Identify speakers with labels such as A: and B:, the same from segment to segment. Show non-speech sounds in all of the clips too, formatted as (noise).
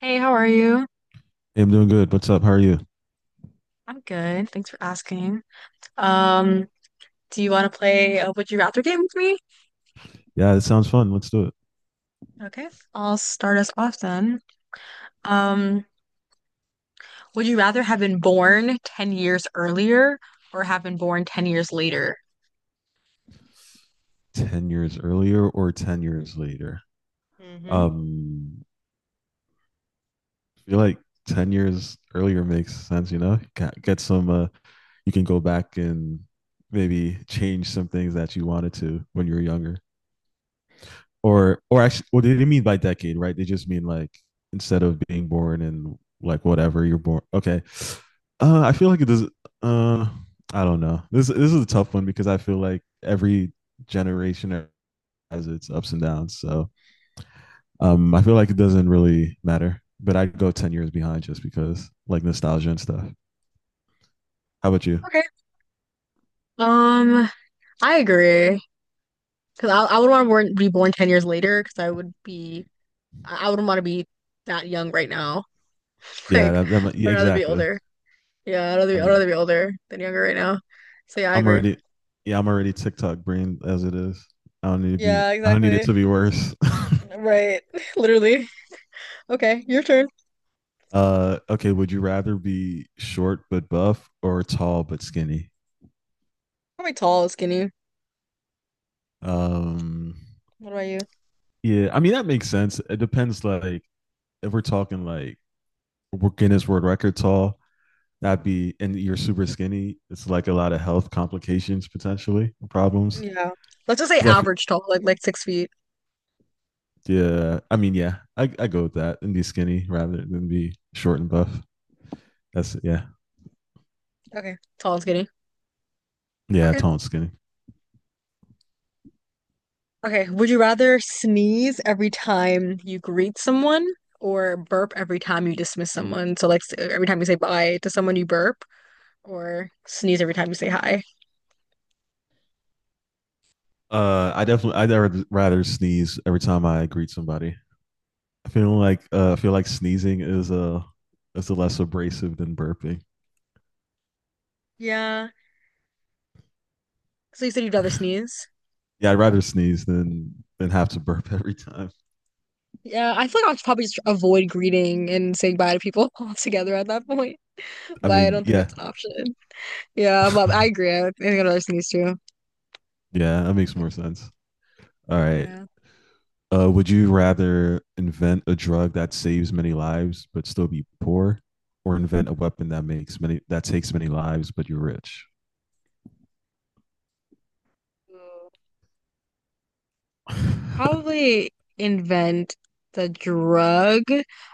A: Hey, how are you?
B: Hey, I'm doing good. What's up? How are you?
A: I'm good. Thanks for asking. Um, do you want to play a Would You Rather game with me?
B: Yeah, it sounds fun. Let's do it.
A: Okay, I'll start us off then. Um, would you rather have been born 10 years earlier or have been born 10 years later?
B: 10 years earlier or 10 years later?
A: hmm
B: Um, I feel like 10 years earlier makes sense, you know? Get some, you can go back and maybe change some things that you wanted to when you were younger. Or actually, what they didn't mean by decade, right? They just mean like instead of being born in like whatever you're born. Okay. I feel like it does. Uh, I don't know. This is a tough one because I feel like every generation has its ups and downs. So I feel like it doesn't really matter. But I'd go 10 years behind just because like nostalgia and stuff. How about you?
A: Okay. Um, I agree. Because I would want to be born 10 years later because I wouldn't want to be that young right now. (laughs)
B: Yeah,
A: Like, I'd
B: yeah,
A: rather be
B: exactly.
A: older. Yeah,
B: I
A: I'd
B: mean,
A: rather be older than younger right now. So yeah, I
B: I'm
A: agree.
B: already, yeah, I'm already TikTok brain as it is.
A: Yeah,
B: I don't need it
A: exactly.
B: to be worse. (laughs)
A: Right. (laughs) Literally. Okay, your turn.
B: Okay, would you rather be short but buff or tall but skinny?
A: Probably tall, skinny.
B: Um,
A: What about you?
B: yeah, I mean that makes sense. It depends. Like, if we're talking like we're Guinness World Record tall, that be, and you're super skinny. It's like a lot of health complications potentially, problems.
A: Yeah. Let's just say
B: 'Cause I f-
A: average tall, like 6 feet.
B: yeah, I mean, yeah, I go with that and be skinny rather than be short and buff. That's yeah,
A: Okay. Tall and skinny.
B: yeah,
A: Okay.
B: tall and skinny.
A: Okay. Would you rather sneeze every time you greet someone or burp every time you dismiss someone? So like every time you say bye to someone you burp or sneeze every time you say hi.
B: I definitely I'd rather sneeze every time I greet somebody. I feel like sneezing is a less abrasive than burping.
A: Yeah. So you said you'd rather sneeze?
B: Yeah, I'd rather sneeze than have to burp (laughs) every time.
A: Yeah, I feel like I'll probably just avoid greeting and saying bye to people (laughs) altogether at that point.
B: I
A: But I
B: mean,
A: don't think
B: yeah.
A: that's an option. Yeah, but
B: (laughs)
A: I agree. I think I'd rather sneeze too.
B: Yeah, that makes more
A: Okay.
B: sense. All right.
A: Yeah.
B: Would you rather invent a drug that saves many lives but still be poor, or invent a weapon that makes many that takes many lives but you're rich?
A: So,
B: (laughs)
A: probably invent the drug.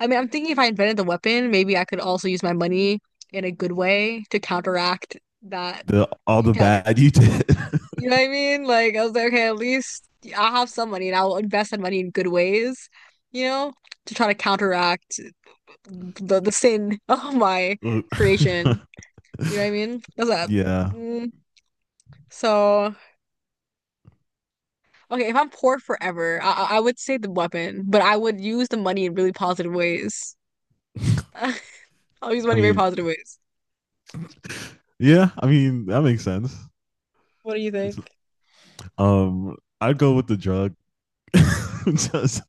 A: I mean, I'm thinking if I invented the weapon, maybe I could also use my money in a good way to counteract that
B: The all the
A: counter.
B: bad you did.
A: You know what I mean? Like I was like, okay, at least I'll have some money and I'll invest that money in good ways, you know, to try to counteract the sin (laughs) of my
B: (laughs) Look.
A: creation. You know what I mean?
B: (laughs)
A: That's that.
B: Yeah,
A: Mm, so. Okay, if I'm poor forever, I would say the weapon, but I would use the money in really positive ways. (laughs) I'll use
B: I
A: money in very
B: mean,
A: positive ways.
B: yeah, I mean that makes sense.
A: What do you think?
B: It's, I'd go with the drug (laughs) just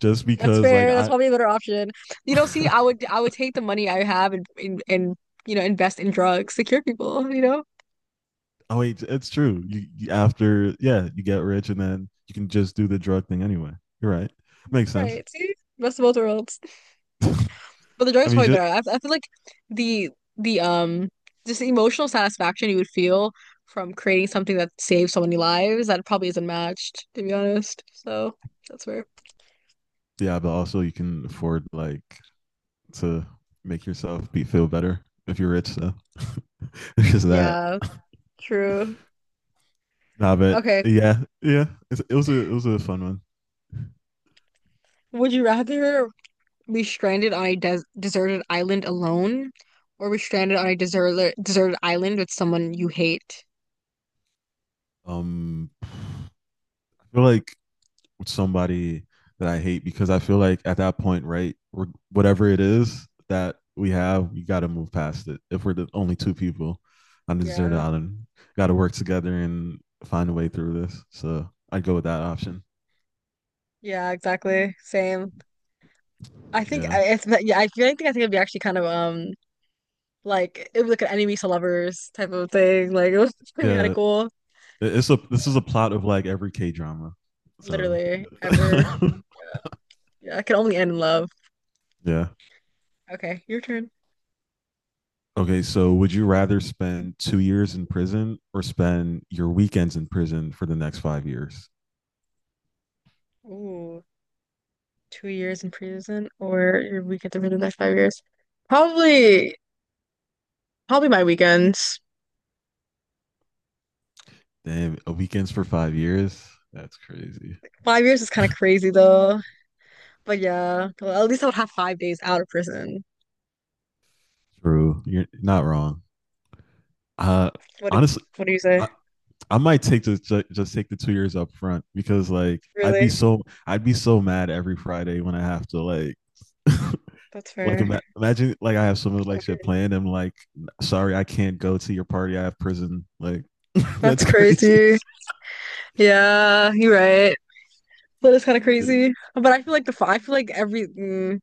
A: That's
B: because like
A: fair. That's
B: I.
A: probably a better option. You know, see, I would take the money I have and you know invest in drugs to cure people. (laughs) You know,
B: Oh wait, it's true. After yeah, you get rich and then you can just do the drug thing anyway. You're right. Makes sense.
A: right? See, best of both worlds. But the
B: I
A: drugs
B: mean,
A: probably
B: ju-
A: better. I feel like the the just the emotional satisfaction you would feel from creating something that saves so many lives that probably isn't matched, to be honest. So that's fair.
B: yeah, but also you can afford like to make yourself be feel better if you're rich. So (laughs) it's just that.
A: Yeah, true.
B: Nah, but
A: Okay.
B: yeah, yeah. It's, it was a fun one.
A: Would you rather be stranded on a deserted island alone or be stranded on a deserted island with someone you hate?
B: I feel like somebody that I hate because I feel like at that point, right, we're, whatever it is that we have, we got to move past it. If we're the only two people on the desert
A: Yeah,
B: island, got to work together and find a way through this. So I'd go with that option.
A: yeah, exactly. Same. I think
B: Yeah,
A: I- it's yeah. I feel like I think it'd be actually kind of like it was like an enemies to lovers type of thing. Like it was (laughs) gonna be kind of
B: yeah.
A: cool.
B: It's a this is a plot of like every K drama. So
A: Literally ever.
B: (laughs)
A: Yeah, yeah. It can only end in love.
B: yeah.
A: Okay, your turn.
B: Okay, so would you rather spend 2 years in prison or spend your weekends in prison for the next 5 years?
A: Ooh. 2 years in prison or your weekend to the next 5 years. Probably, probably my weekends.
B: Damn, a weekends for 5 years. That's crazy.
A: 5 years is kind of crazy though. But yeah, well, at least I would have 5 days out of prison.
B: True. You're not wrong. Uh,
A: What do,
B: honestly,
A: what do you say?
B: I, I might take just take the 2 years up front because like
A: Really?
B: I'd be so mad every Friday when I have to like (laughs)
A: That's
B: like
A: fair.
B: imagine like I have some like
A: Clock
B: shit
A: in.
B: planned. I'm like, sorry, I can't go to your party. I have prison. Like (laughs)
A: That's
B: that's crazy.
A: crazy. Yeah, you're right. That is kind of crazy. But I feel like the fi- I feel like every. Mm,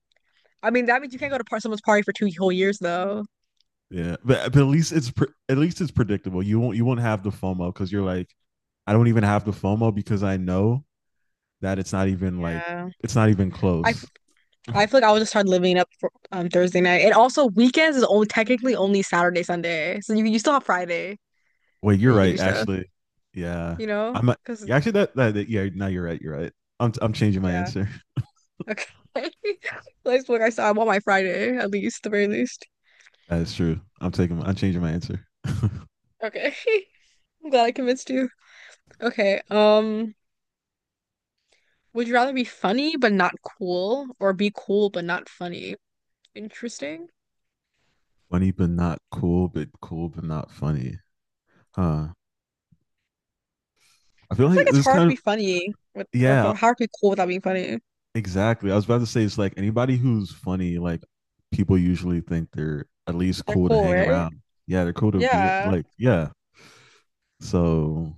A: I mean, that means you can't go to par someone's party for two whole years though.
B: Yeah, but at least at least it's predictable. You won't have the FOMO because you're like, I don't even have the FOMO because I know that it's not even like
A: Yeah.
B: it's not even
A: I
B: close. (laughs)
A: I feel like I will just start living it up for Thursday night. And also weekends is only technically only Saturday, Sunday. So you still have Friday
B: Wait,
A: that
B: you're
A: you can do
B: right.
A: stuff,
B: Actually, yeah,
A: you know?
B: I'm. Not-
A: Because
B: yeah, actually, yeah. Now you're right. You're right. I'm changing my
A: yeah.
B: answer.
A: Okay. (laughs) That's what I saw. I want my Friday, at least, the very least.
B: That is true. I'm taking. I'm changing my answer. (laughs)
A: Okay. (laughs) I'm glad I convinced you. Okay. Would you rather be funny but not cool or be cool but not funny? Interesting.
B: Funny but not cool, but cool but not funny. Huh. I
A: I
B: feel
A: feel
B: like
A: like
B: this
A: it's
B: is
A: hard to
B: kind
A: be
B: of
A: funny with or
B: yeah.
A: f- hard to be cool without being funny.
B: Exactly. I was about to say it's like anybody who's funny, like people usually think they're at least
A: They're
B: cool to
A: cool,
B: hang
A: right?
B: around. Yeah, they're cool to be
A: Yeah.
B: like yeah. So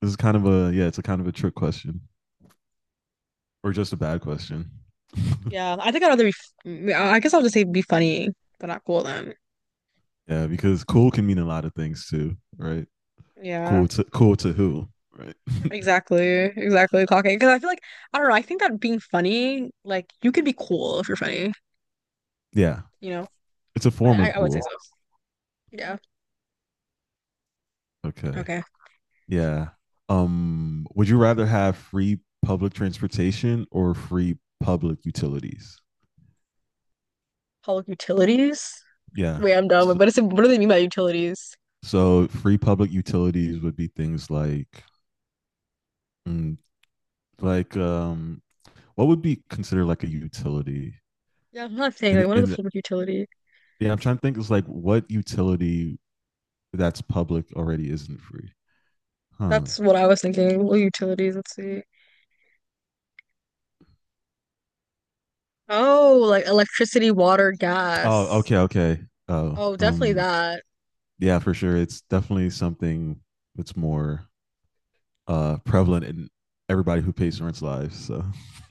B: this is kind of a yeah. It's a kind of a trick question. Or just a bad question.
A: Yeah,
B: (laughs)
A: I think I'd rather be. I guess I'll just say be funny, but not cool then.
B: Yeah, because cool can mean a lot of things too, right?
A: Yeah,
B: Cool to cool to who, right?
A: exactly. Clocking because I feel like I don't know. I think that being funny, like you can be cool if you're funny.
B: (laughs) Yeah,
A: You know,
B: it's a form of
A: I would say
B: cool.
A: so. Yeah.
B: Okay.
A: Okay.
B: Yeah. Would you rather have free public transportation or free public utilities?
A: Public utilities.
B: Yeah.
A: Wait, I'm dumb.
B: So,
A: But it's What do they mean by utilities?
B: so free public utilities would be things like mm, like what would be considered like a utility?
A: Yeah, I'm not saying like what is a
B: And
A: public utility?
B: yeah, I'm trying to think it's like what utility that's public already isn't free. Huh.
A: That's what I was thinking. What utilities? Let's see. Oh, like electricity, water,
B: Oh,
A: gas.
B: okay, okay. Oh,
A: Oh, definitely that.
B: yeah, for sure. It's definitely something that's more prevalent in everybody who pays rent's lives. So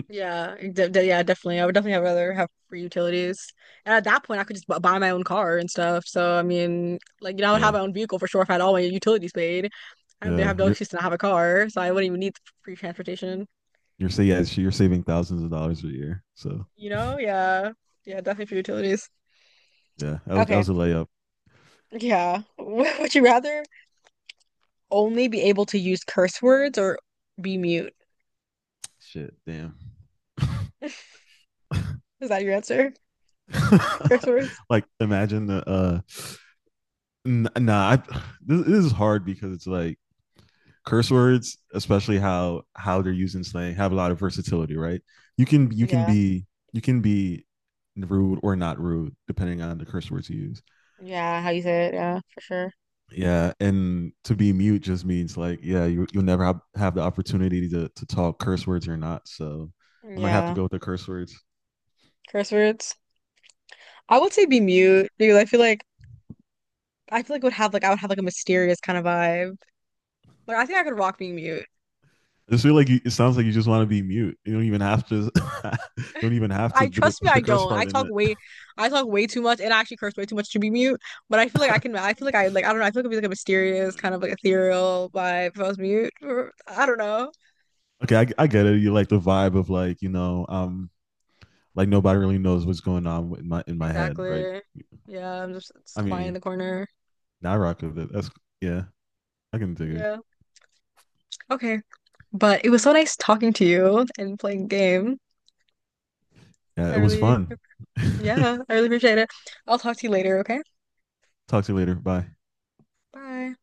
A: Yeah, definitely. I would definitely have rather have free utilities. And at that point, I could just buy my own car and stuff. So I mean, like you know, I would have
B: yeah,
A: my own vehicle for sure if I had all my utilities paid. I would
B: yeah.
A: have no excuse to not have a car, so I wouldn't even need free transportation.
B: You're saying yeah, so you're saving thousands of dollars a year. So
A: You know? Yeah, yeah, definitely for utilities.
B: yeah, that was
A: Okay,
B: a layup.
A: yeah. (laughs) Would you rather only be able to use curse words or be mute?
B: Shit, damn.
A: (laughs) Is that your answer? Curse words?
B: (laughs) Like imagine the nah, this is hard because it's like curse words, especially how they're used in slang, have a lot of versatility, right? You can
A: Yeah,
B: be you can be rude or not rude depending on the curse words you use.
A: yeah. How you say it? Yeah, for sure.
B: Yeah, and to be mute just means like yeah, you'll never have the opportunity to talk curse words or not. So I might have to
A: Yeah,
B: go with the curse words.
A: curse words. I would say be mute, dude. I feel like would have like I would have like a mysterious kind of vibe. Like I think I could rock being mute.
B: I just feel like you, it sounds like you just want to be mute. You don't even have to. (laughs) You don't even have to
A: I
B: put
A: Trust me,
B: put the
A: I
B: curse
A: don't.
B: part in it.
A: I talk way too much, and I actually curse way too much to be mute. But I feel like I can. I feel like. I don't know. I feel like it'd be like a mysterious kind of like ethereal vibe if I was mute. Or, I don't know
B: Okay, I get it. You like the vibe of like you know, like nobody really knows what's going on with my head, right?
A: exactly. Yeah, just
B: I
A: quiet in
B: mean,
A: the corner.
B: I rock with it. That's yeah, I can dig it.
A: Yeah. Okay. But it was so nice talking to you and playing game.
B: Yeah,
A: I
B: it was
A: really,
B: fun. (laughs)
A: yeah, I really appreciate it. I'll talk to you later. Okay.
B: Talk to you later. Bye.
A: Bye.